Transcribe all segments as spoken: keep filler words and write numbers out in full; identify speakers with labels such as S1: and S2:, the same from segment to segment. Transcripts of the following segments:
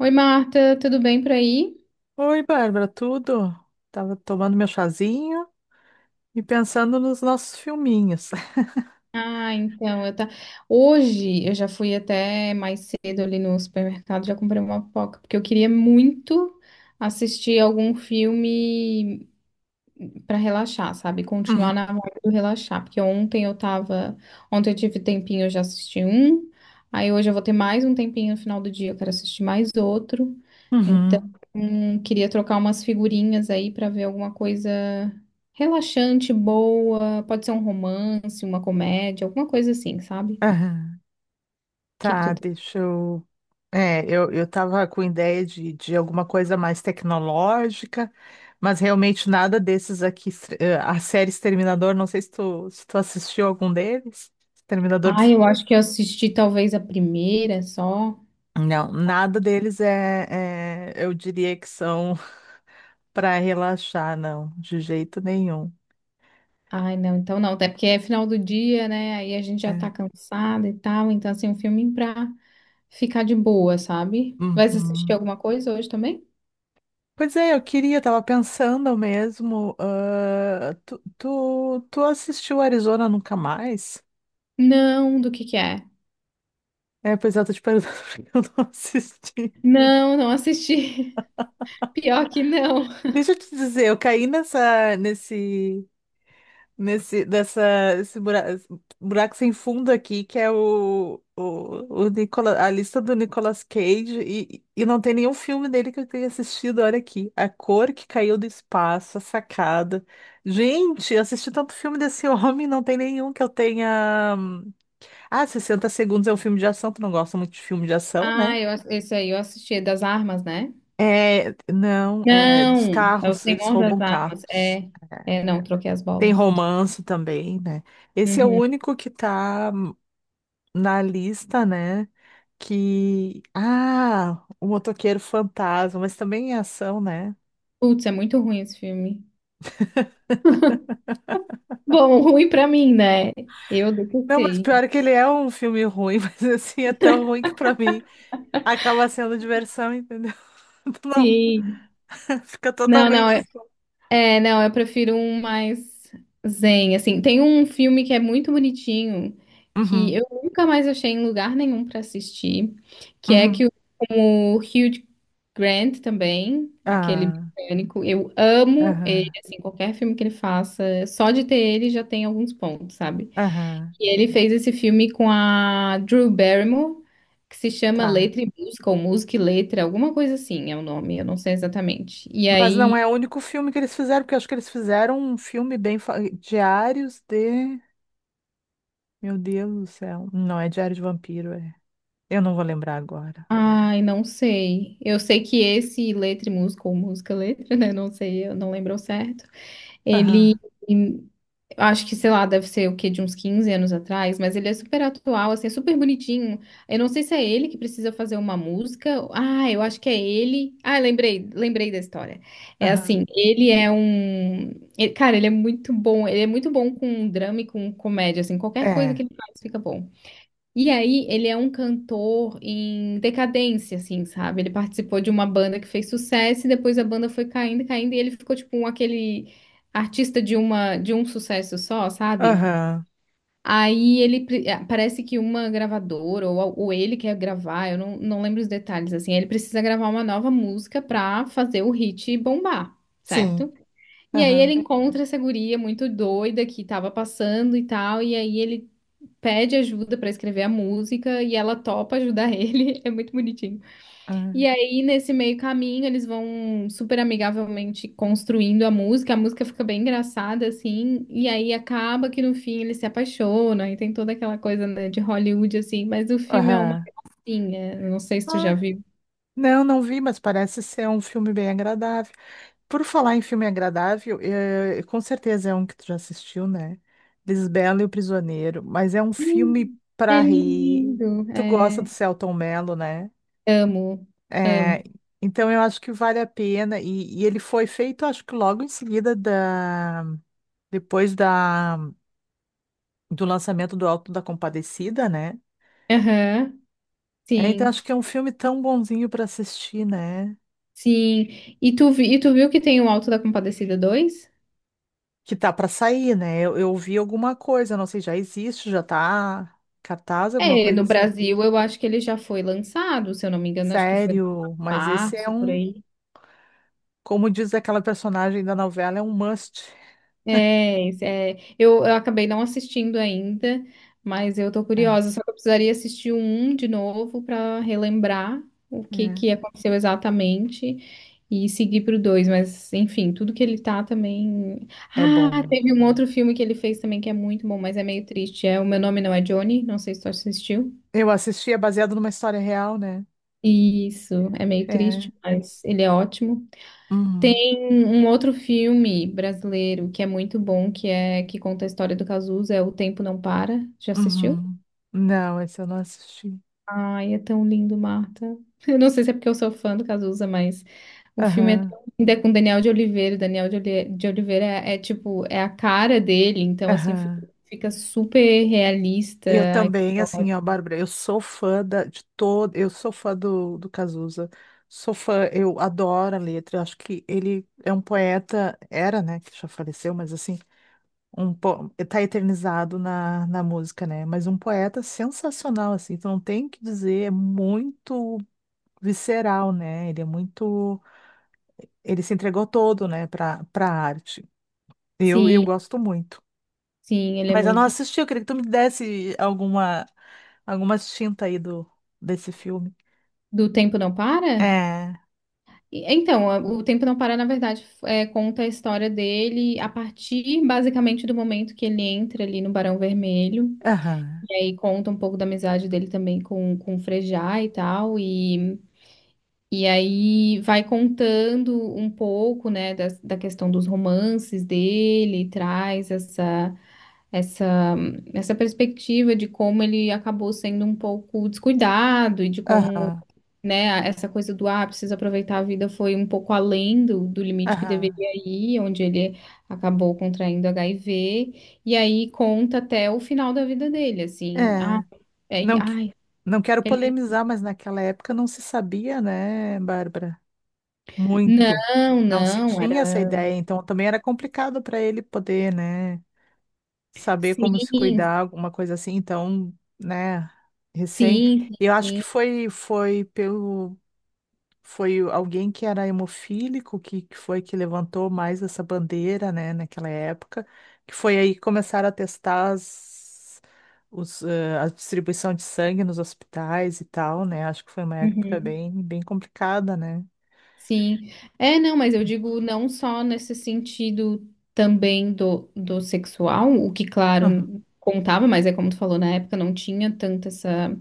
S1: Oi, Marta, tudo bem por aí?
S2: Oi, Bárbara, tudo? Tava tomando meu chazinho e pensando nos nossos filminhos.
S1: Ah, então, eu tá. Hoje eu já fui até mais cedo ali no supermercado, já comprei uma pipoca, porque eu queria muito assistir algum filme pra relaxar, sabe?
S2: Uhum.
S1: Continuar na vibe do relaxar, porque ontem eu tava, ontem eu tive tempinho, eu já assisti um, aí hoje eu vou ter mais um tempinho no final do dia, eu quero assistir mais outro. Então,
S2: Uhum.
S1: hum, queria trocar umas figurinhas aí pra ver alguma coisa relaxante, boa, pode ser um romance, uma comédia, alguma coisa assim, sabe? O
S2: Aham.
S1: que que
S2: Tá,
S1: tu tem?
S2: deixa eu. É, eu, eu tava com ideia de, de, alguma coisa mais tecnológica, mas realmente nada desses aqui. estre- eh, A série Exterminador, não sei se tu, se tu assistiu algum deles. Exterminador do
S1: Ah, eu
S2: Fu-.
S1: acho que eu assisti talvez a primeira só.
S2: Não, nada deles é, é- eu diria que são para relaxar, não, de jeito nenhum.
S1: Ai, não, então não, até porque é final do dia, né? Aí a gente já
S2: É.
S1: tá cansada e tal, então assim, um filme pra ficar de boa, sabe? Vai assistir
S2: Uhum.
S1: alguma coisa hoje também?
S2: Pois é, eu queria, tava pensando mesmo. ah, tu, tu, tu assistiu Arizona Nunca Mais?
S1: Não, do que que é?
S2: É, pois é, eu tô te perguntando porque eu não assisti.
S1: Não, não assisti. Pior que não.
S2: Deixa eu te dizer, eu caí nessa, nesse, nesse dessa esse buraco, buraco sem fundo aqui que é o o, o Nicola- a lista do Nicolas Cage e, e não tem nenhum filme dele que eu tenha assistido. Olha aqui, A Cor que Caiu do Espaço, A Sacada. Gente, eu assisti tanto filme desse homem, não tem nenhum que eu tenha. Ah, Sessenta Segundos é um filme de ação, tu não gosta muito de filme de ação,
S1: Ah,
S2: né?
S1: eu, ass- esse aí eu assisti, é das armas, né?
S2: É, não, é dos
S1: Não, é o
S2: carros, eles
S1: Senhor
S2: roubam
S1: das Armas.
S2: carros.
S1: É,
S2: É,
S1: é, não, troquei as
S2: tem
S1: bolas.
S2: romance também, né? Esse é o
S1: Uhum.
S2: único que tá na lista, né? Que. Ah, o Motoqueiro Fantasma, mas também é ação, né?
S1: Putz, é muito ruim esse filme. Bom, ruim pra mim, né? Eu
S2: Não, mas
S1: detestei.
S2: pior é que ele é um filme ruim, mas assim, é tão ruim que pra mim acaba sendo diversão, entendeu? Não,
S1: Sim.
S2: fica
S1: Não, não.
S2: totalmente fora.
S1: É, não, eu prefiro um mais zen, assim. Tem um filme que é muito bonitinho, que
S2: Uhum,
S1: eu nunca mais achei em lugar nenhum pra assistir, que é
S2: uhum.
S1: que o, com o Hugh Grant também, aquele
S2: Ah,
S1: britânico, eu amo ele,
S2: aham,
S1: assim, qualquer filme que ele faça, só de ter ele já tem alguns pontos, sabe?
S2: aham,
S1: E ele fez esse filme com a Drew Barrymore, que se chama
S2: tá.
S1: Letra e Música, ou Música e Letra, alguma coisa assim é o nome, eu não sei exatamente. E
S2: Mas não
S1: aí...
S2: é o único filme que eles fizeram, porque eu acho que eles fizeram um filme bem, fa- Diários de. Meu Deus do céu. Não é Diário de Vampiro, é. Eu não vou lembrar agora.
S1: Ai, não sei. Eu sei que esse letra e música, ou música e letra, né? Não sei, eu não lembro ao certo. Ele, em- acho que, sei lá, deve ser o quê, de uns quinze anos atrás, mas ele é super atual, assim, é super bonitinho. Eu não sei se é ele que precisa fazer uma música. Ah, eu acho que é ele. Ah, lembrei, lembrei da história. É
S2: Aham.
S1: assim, ele é um. Ele- cara, ele é muito bom. Ele é muito bom com drama e com comédia, assim, qualquer coisa
S2: É.
S1: que ele faz fica bom. E aí, ele é um cantor em decadência, assim, sabe? Ele participou de uma banda que fez sucesso e depois a banda foi caindo, caindo e ele ficou tipo um, aquele artista de uma de um sucesso só, sabe?
S2: Aham.
S1: Aí ele pre- eh, parece que uma gravadora ou, a- ou ele quer gravar, eu não, não lembro os detalhes assim. Ele precisa gravar uma nova música pra fazer o hit bombar,
S2: Sim.
S1: certo? E aí ele
S2: Aham.
S1: encontra essa guria muito doida que tava passando e tal, e aí ele pede ajuda pra escrever a música e ela topa ajudar ele. É muito bonitinho. E
S2: Aham.
S1: aí, nesse meio caminho, eles vão super amigavelmente construindo a música. A música fica bem engraçada, assim. E aí acaba que no fim ele se apaixona e tem toda aquela coisa, né, de Hollywood, assim. Mas o filme é uma
S2: Aham.
S1: gracinha. Eu não sei se tu já
S2: Ah,
S1: viu.
S2: não, não vi, mas parece ser um filme bem agradável. Por falar em filme agradável, eh, com certeza é um que tu já assistiu, né? Lisbela e o Prisioneiro, mas é um filme
S1: Hum.
S2: pra
S1: É
S2: rir.
S1: lindo.
S2: Tu gosta
S1: É,
S2: do Selton Mello, né?
S1: amo,
S2: É,
S1: amo.
S2: então eu acho que vale a pena. E, e ele foi feito, acho que logo em seguida da, depois da, do lançamento do Alto da Compadecida, né?
S1: Aham,
S2: É, então
S1: sim,
S2: acho que é um filme tão bonzinho pra assistir, né?
S1: sim. E tu, vi- e tu viu que tem o Alto da Compadecida dois?
S2: Que tá pra sair, né? Eu, eu vi alguma coisa, não sei, já existe, já tá cartaz, alguma
S1: É,
S2: coisa
S1: no
S2: assim.
S1: Brasil eu acho que ele já foi lançado, se eu não me engano, acho que foi em
S2: Sério, mas esse é
S1: março, por
S2: um,
S1: aí.
S2: como diz aquela personagem da novela, é um must.
S1: É, esse- é, eu, eu acabei não assistindo ainda, mas eu tô
S2: É,
S1: curiosa, só que eu precisaria assistir um de novo para relembrar o que
S2: é,
S1: que aconteceu exatamente e seguir pro dois, mas enfim, tudo que ele tá também.
S2: é bom,
S1: Ah,
S2: né?
S1: teve um outro filme que ele fez também que é muito bom, mas é meio triste. É O Meu Nome Não É Johnny, não sei se tu assistiu.
S2: Eu assisti, é baseado numa história real, né?
S1: Isso, é meio
S2: É.
S1: triste, mas ele é ótimo.
S2: Uhum,
S1: Tem um outro filme brasileiro que é muito bom, que é que conta a história do Cazuza, é O Tempo Não Para. Já assistiu?
S2: uhum. Não, esse eu não assisti.
S1: Ai, é tão lindo, Marta. Eu não sei se é porque eu sou fã do Cazuza, mas o filme é
S2: Aham,
S1: tão lindo, é com Daniel de Oliveira. Daniel de, Oli- de Oliveira é, é, tipo, é a cara dele, então assim fi-
S2: aham.
S1: fica super realista
S2: Eu
S1: a
S2: também, assim,
S1: história.
S2: ó, Bárbara, eu sou fã da, de todo, eu sou fã do, do Cazuza, sou fã, eu adoro a letra, eu acho que ele é um poeta, era, né, que já faleceu, mas assim, um, po- tá eternizado na, na música, né, mas um poeta sensacional, assim, tu não tem o que dizer, é muito visceral, né, ele é muito, ele se entregou todo, né, pra, pra arte, eu, eu
S1: Sim,
S2: gosto muito.
S1: sim, ele é
S2: Mas eu não
S1: muito.
S2: assisti, eu queria que tu me desse alguma, alguma tinta aí do, desse filme.
S1: Do Tempo Não Para?
S2: É,
S1: E- Então, a- o Tempo Não Para, na verdade, f- é, conta a história dele a partir, basicamente, do momento que ele entra ali no Barão Vermelho.
S2: aham,
S1: E aí conta um pouco da amizade dele também com, com o Frejá e tal. E, e aí vai contando um pouco, né, das- da questão dos romances dele, traz essa, essa, essa perspectiva de como ele acabou sendo um pouco descuidado e de como,
S2: aham,
S1: né? Essa coisa do ah, precisa aproveitar a vida foi um pouco além do, do limite que
S2: aham,
S1: deveria ir, onde ele acabou contraindo H I V, e aí conta até o final da vida dele, assim, ah,
S2: é.
S1: é,
S2: Não, que-
S1: ai,
S2: não quero
S1: ele...
S2: polemizar, mas naquela época não se sabia, né, Bárbara? Muito.
S1: Não,
S2: Não se
S1: não,
S2: tinha essa
S1: era
S2: ideia, então também era complicado para ele poder, né, saber como se
S1: sim,
S2: cuidar, alguma coisa assim. Então, né, recém.
S1: sim,
S2: Eu acho que
S1: sim,
S2: foi, foi pelo. Foi o- alguém que era hemofílico que, que foi que levantou mais essa bandeira, né, naquela época, que foi aí que começaram a testar as, os, eh, a distribuição de sangue nos hospitais e tal, né? Acho que foi uma época
S1: uhum,
S2: bem, bem complicada, né?
S1: sim. É, não, mas eu digo não só nesse sentido também do, do sexual, o que,
S2: Aham.
S1: claro, contava, mas é como tu falou, na época não tinha tanta essa,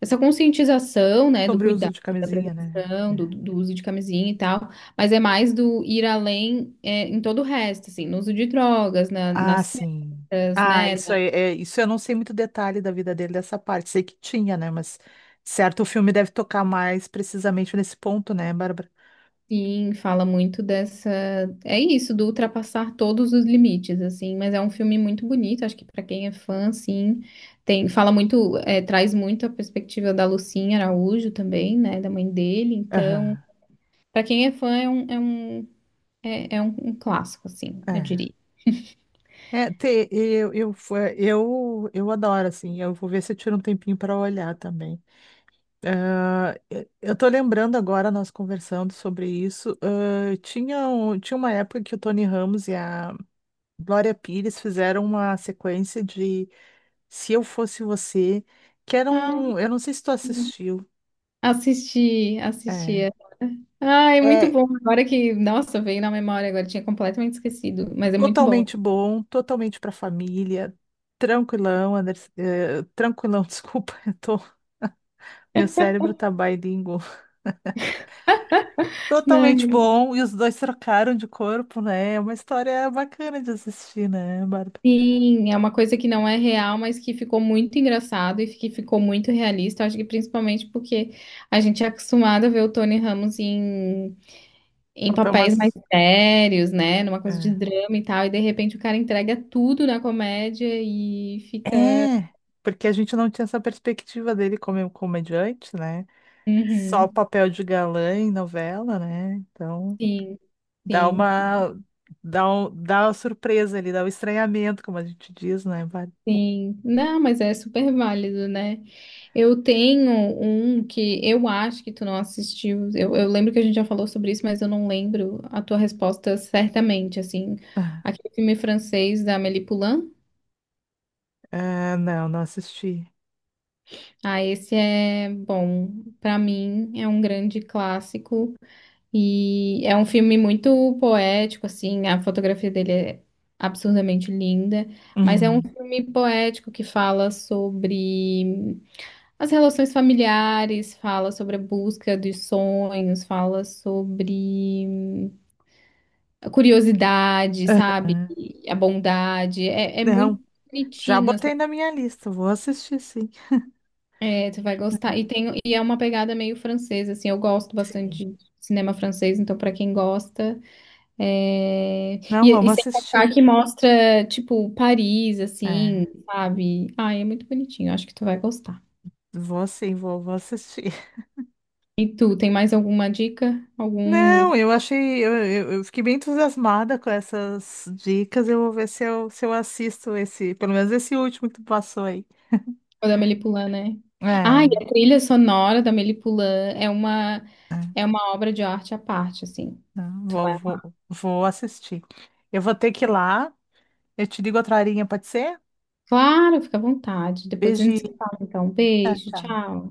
S1: essa conscientização, né, do
S2: Sobre o uso
S1: cuidado,
S2: de
S1: da
S2: camisinha, né?
S1: prevenção,
S2: É.
S1: do, do uso de camisinha e tal, mas é mais do ir além, é, em todo o resto, assim, no uso de drogas, na-
S2: Ah,
S1: nas
S2: sim.
S1: festas,
S2: Ah,
S1: né,
S2: isso
S1: na...
S2: aí, é, isso eu não sei muito detalhe da vida dele dessa parte. Sei que tinha, né? Mas certo, o filme deve tocar mais precisamente nesse ponto, né, Bárbara?
S1: sim, fala muito dessa, é isso, do ultrapassar todos os limites, assim, mas é um filme muito bonito, acho que pra quem é fã, assim, tem, fala muito, é, traz muito a perspectiva da Lucinha Araújo também, né, da mãe dele, então,
S2: Aham.
S1: pra quem é fã, é um, é um, é é um um clássico, assim, eu
S2: É.
S1: diria.
S2: É, te- eu, eu, fo- eu, eu adoro, assim, eu vou ver se eu tiro um tempinho para olhar também. Ah, eu eu tô lembrando agora, nós conversando sobre isso, ah, tinha, um- tinha uma época que o Tony Ramos e a Glória Pires fizeram uma sequência de Se Eu Fosse Você, que era um, eu não sei se tu assistiu,
S1: Assisti,
S2: é,
S1: assisti. Ai, muito
S2: é
S1: bom. Agora que, nossa, veio na memória, agora tinha completamente esquecido, mas é muito bom.
S2: totalmente bom, totalmente pra família, tranquilão, Anderson, eh, tranquilão, desculpa, eu tô. Meu cérebro tá bilíngue. Totalmente
S1: Não,
S2: bom, e os dois trocaram de corpo, né? É uma história bacana de assistir, né, Bárbara?
S1: sim, é uma coisa que não é real, mas que ficou muito engraçado e que ficou muito realista. Acho que principalmente porque a gente é acostumado a ver o Tony Ramos em, em
S2: Papel
S1: papéis mais
S2: mas
S1: sérios, né? Numa coisa de
S2: é.
S1: drama e tal, e de repente o cara entrega tudo na comédia e fica.
S2: É, porque a gente não tinha essa perspectiva dele como comediante, né? Só o
S1: Uhum,
S2: papel de galã em novela, né? Então,
S1: sim,
S2: dá
S1: sim.
S2: uma dá um, dá uma surpresa ali, dá um estranhamento, como a gente diz, né, Bárbara?
S1: Sim, não, mas é super válido, né? Eu tenho um que eu acho que tu não assistiu. Eu, eu lembro que a gente já falou sobre isso, mas eu não lembro a tua resposta certamente, assim. Aquele filme francês da Amélie Poulain.
S2: Ah, não, não assisti.
S1: Ah, esse é bom. Pra mim, é um grande clássico. E é um filme muito poético, assim. A fotografia dele é absurdamente linda. Mas é um
S2: Uhum.
S1: filme poético que fala sobre as relações familiares, fala sobre a busca dos sonhos, fala sobre a curiosidade, sabe?
S2: Aham.
S1: A bondade. É, é
S2: Não,
S1: muito
S2: já
S1: bonitinho, assim.
S2: botei na minha lista, vou assistir, sim.
S1: É, tu vai gostar. E, tem, e é uma pegada meio francesa, assim. Eu gosto
S2: Sim.
S1: bastante de cinema francês, então pra quem gosta. É,
S2: Não,
S1: E, e
S2: vamos
S1: sem contar
S2: assistir.
S1: que mostra, tipo, Paris, assim,
S2: É,
S1: sabe? Ai, é muito bonitinho. Acho que tu vai gostar.
S2: vou sim, vou, vou assistir.
S1: E tu, tem mais alguma dica? Algum...
S2: Não, eu achei, eu, eu- eu fiquei bem entusiasmada com essas dicas. Eu vou ver se eu, se eu assisto esse, pelo menos esse último que tu passou aí.
S1: O da Melipulã, né?
S2: É,
S1: Ah,
S2: é,
S1: e a trilha sonora da Melipulã é uma, é uma obra de arte à parte, assim.
S2: não,
S1: Tu
S2: vou,
S1: vai,
S2: vou, vou assistir. Eu vou ter que ir lá. Eu te ligo outra horinha, pode ser?
S1: claro, fica à vontade. Depois a gente se
S2: Beijinho,
S1: fala, então. Um
S2: tchau,
S1: beijo,
S2: tchau.
S1: tchau.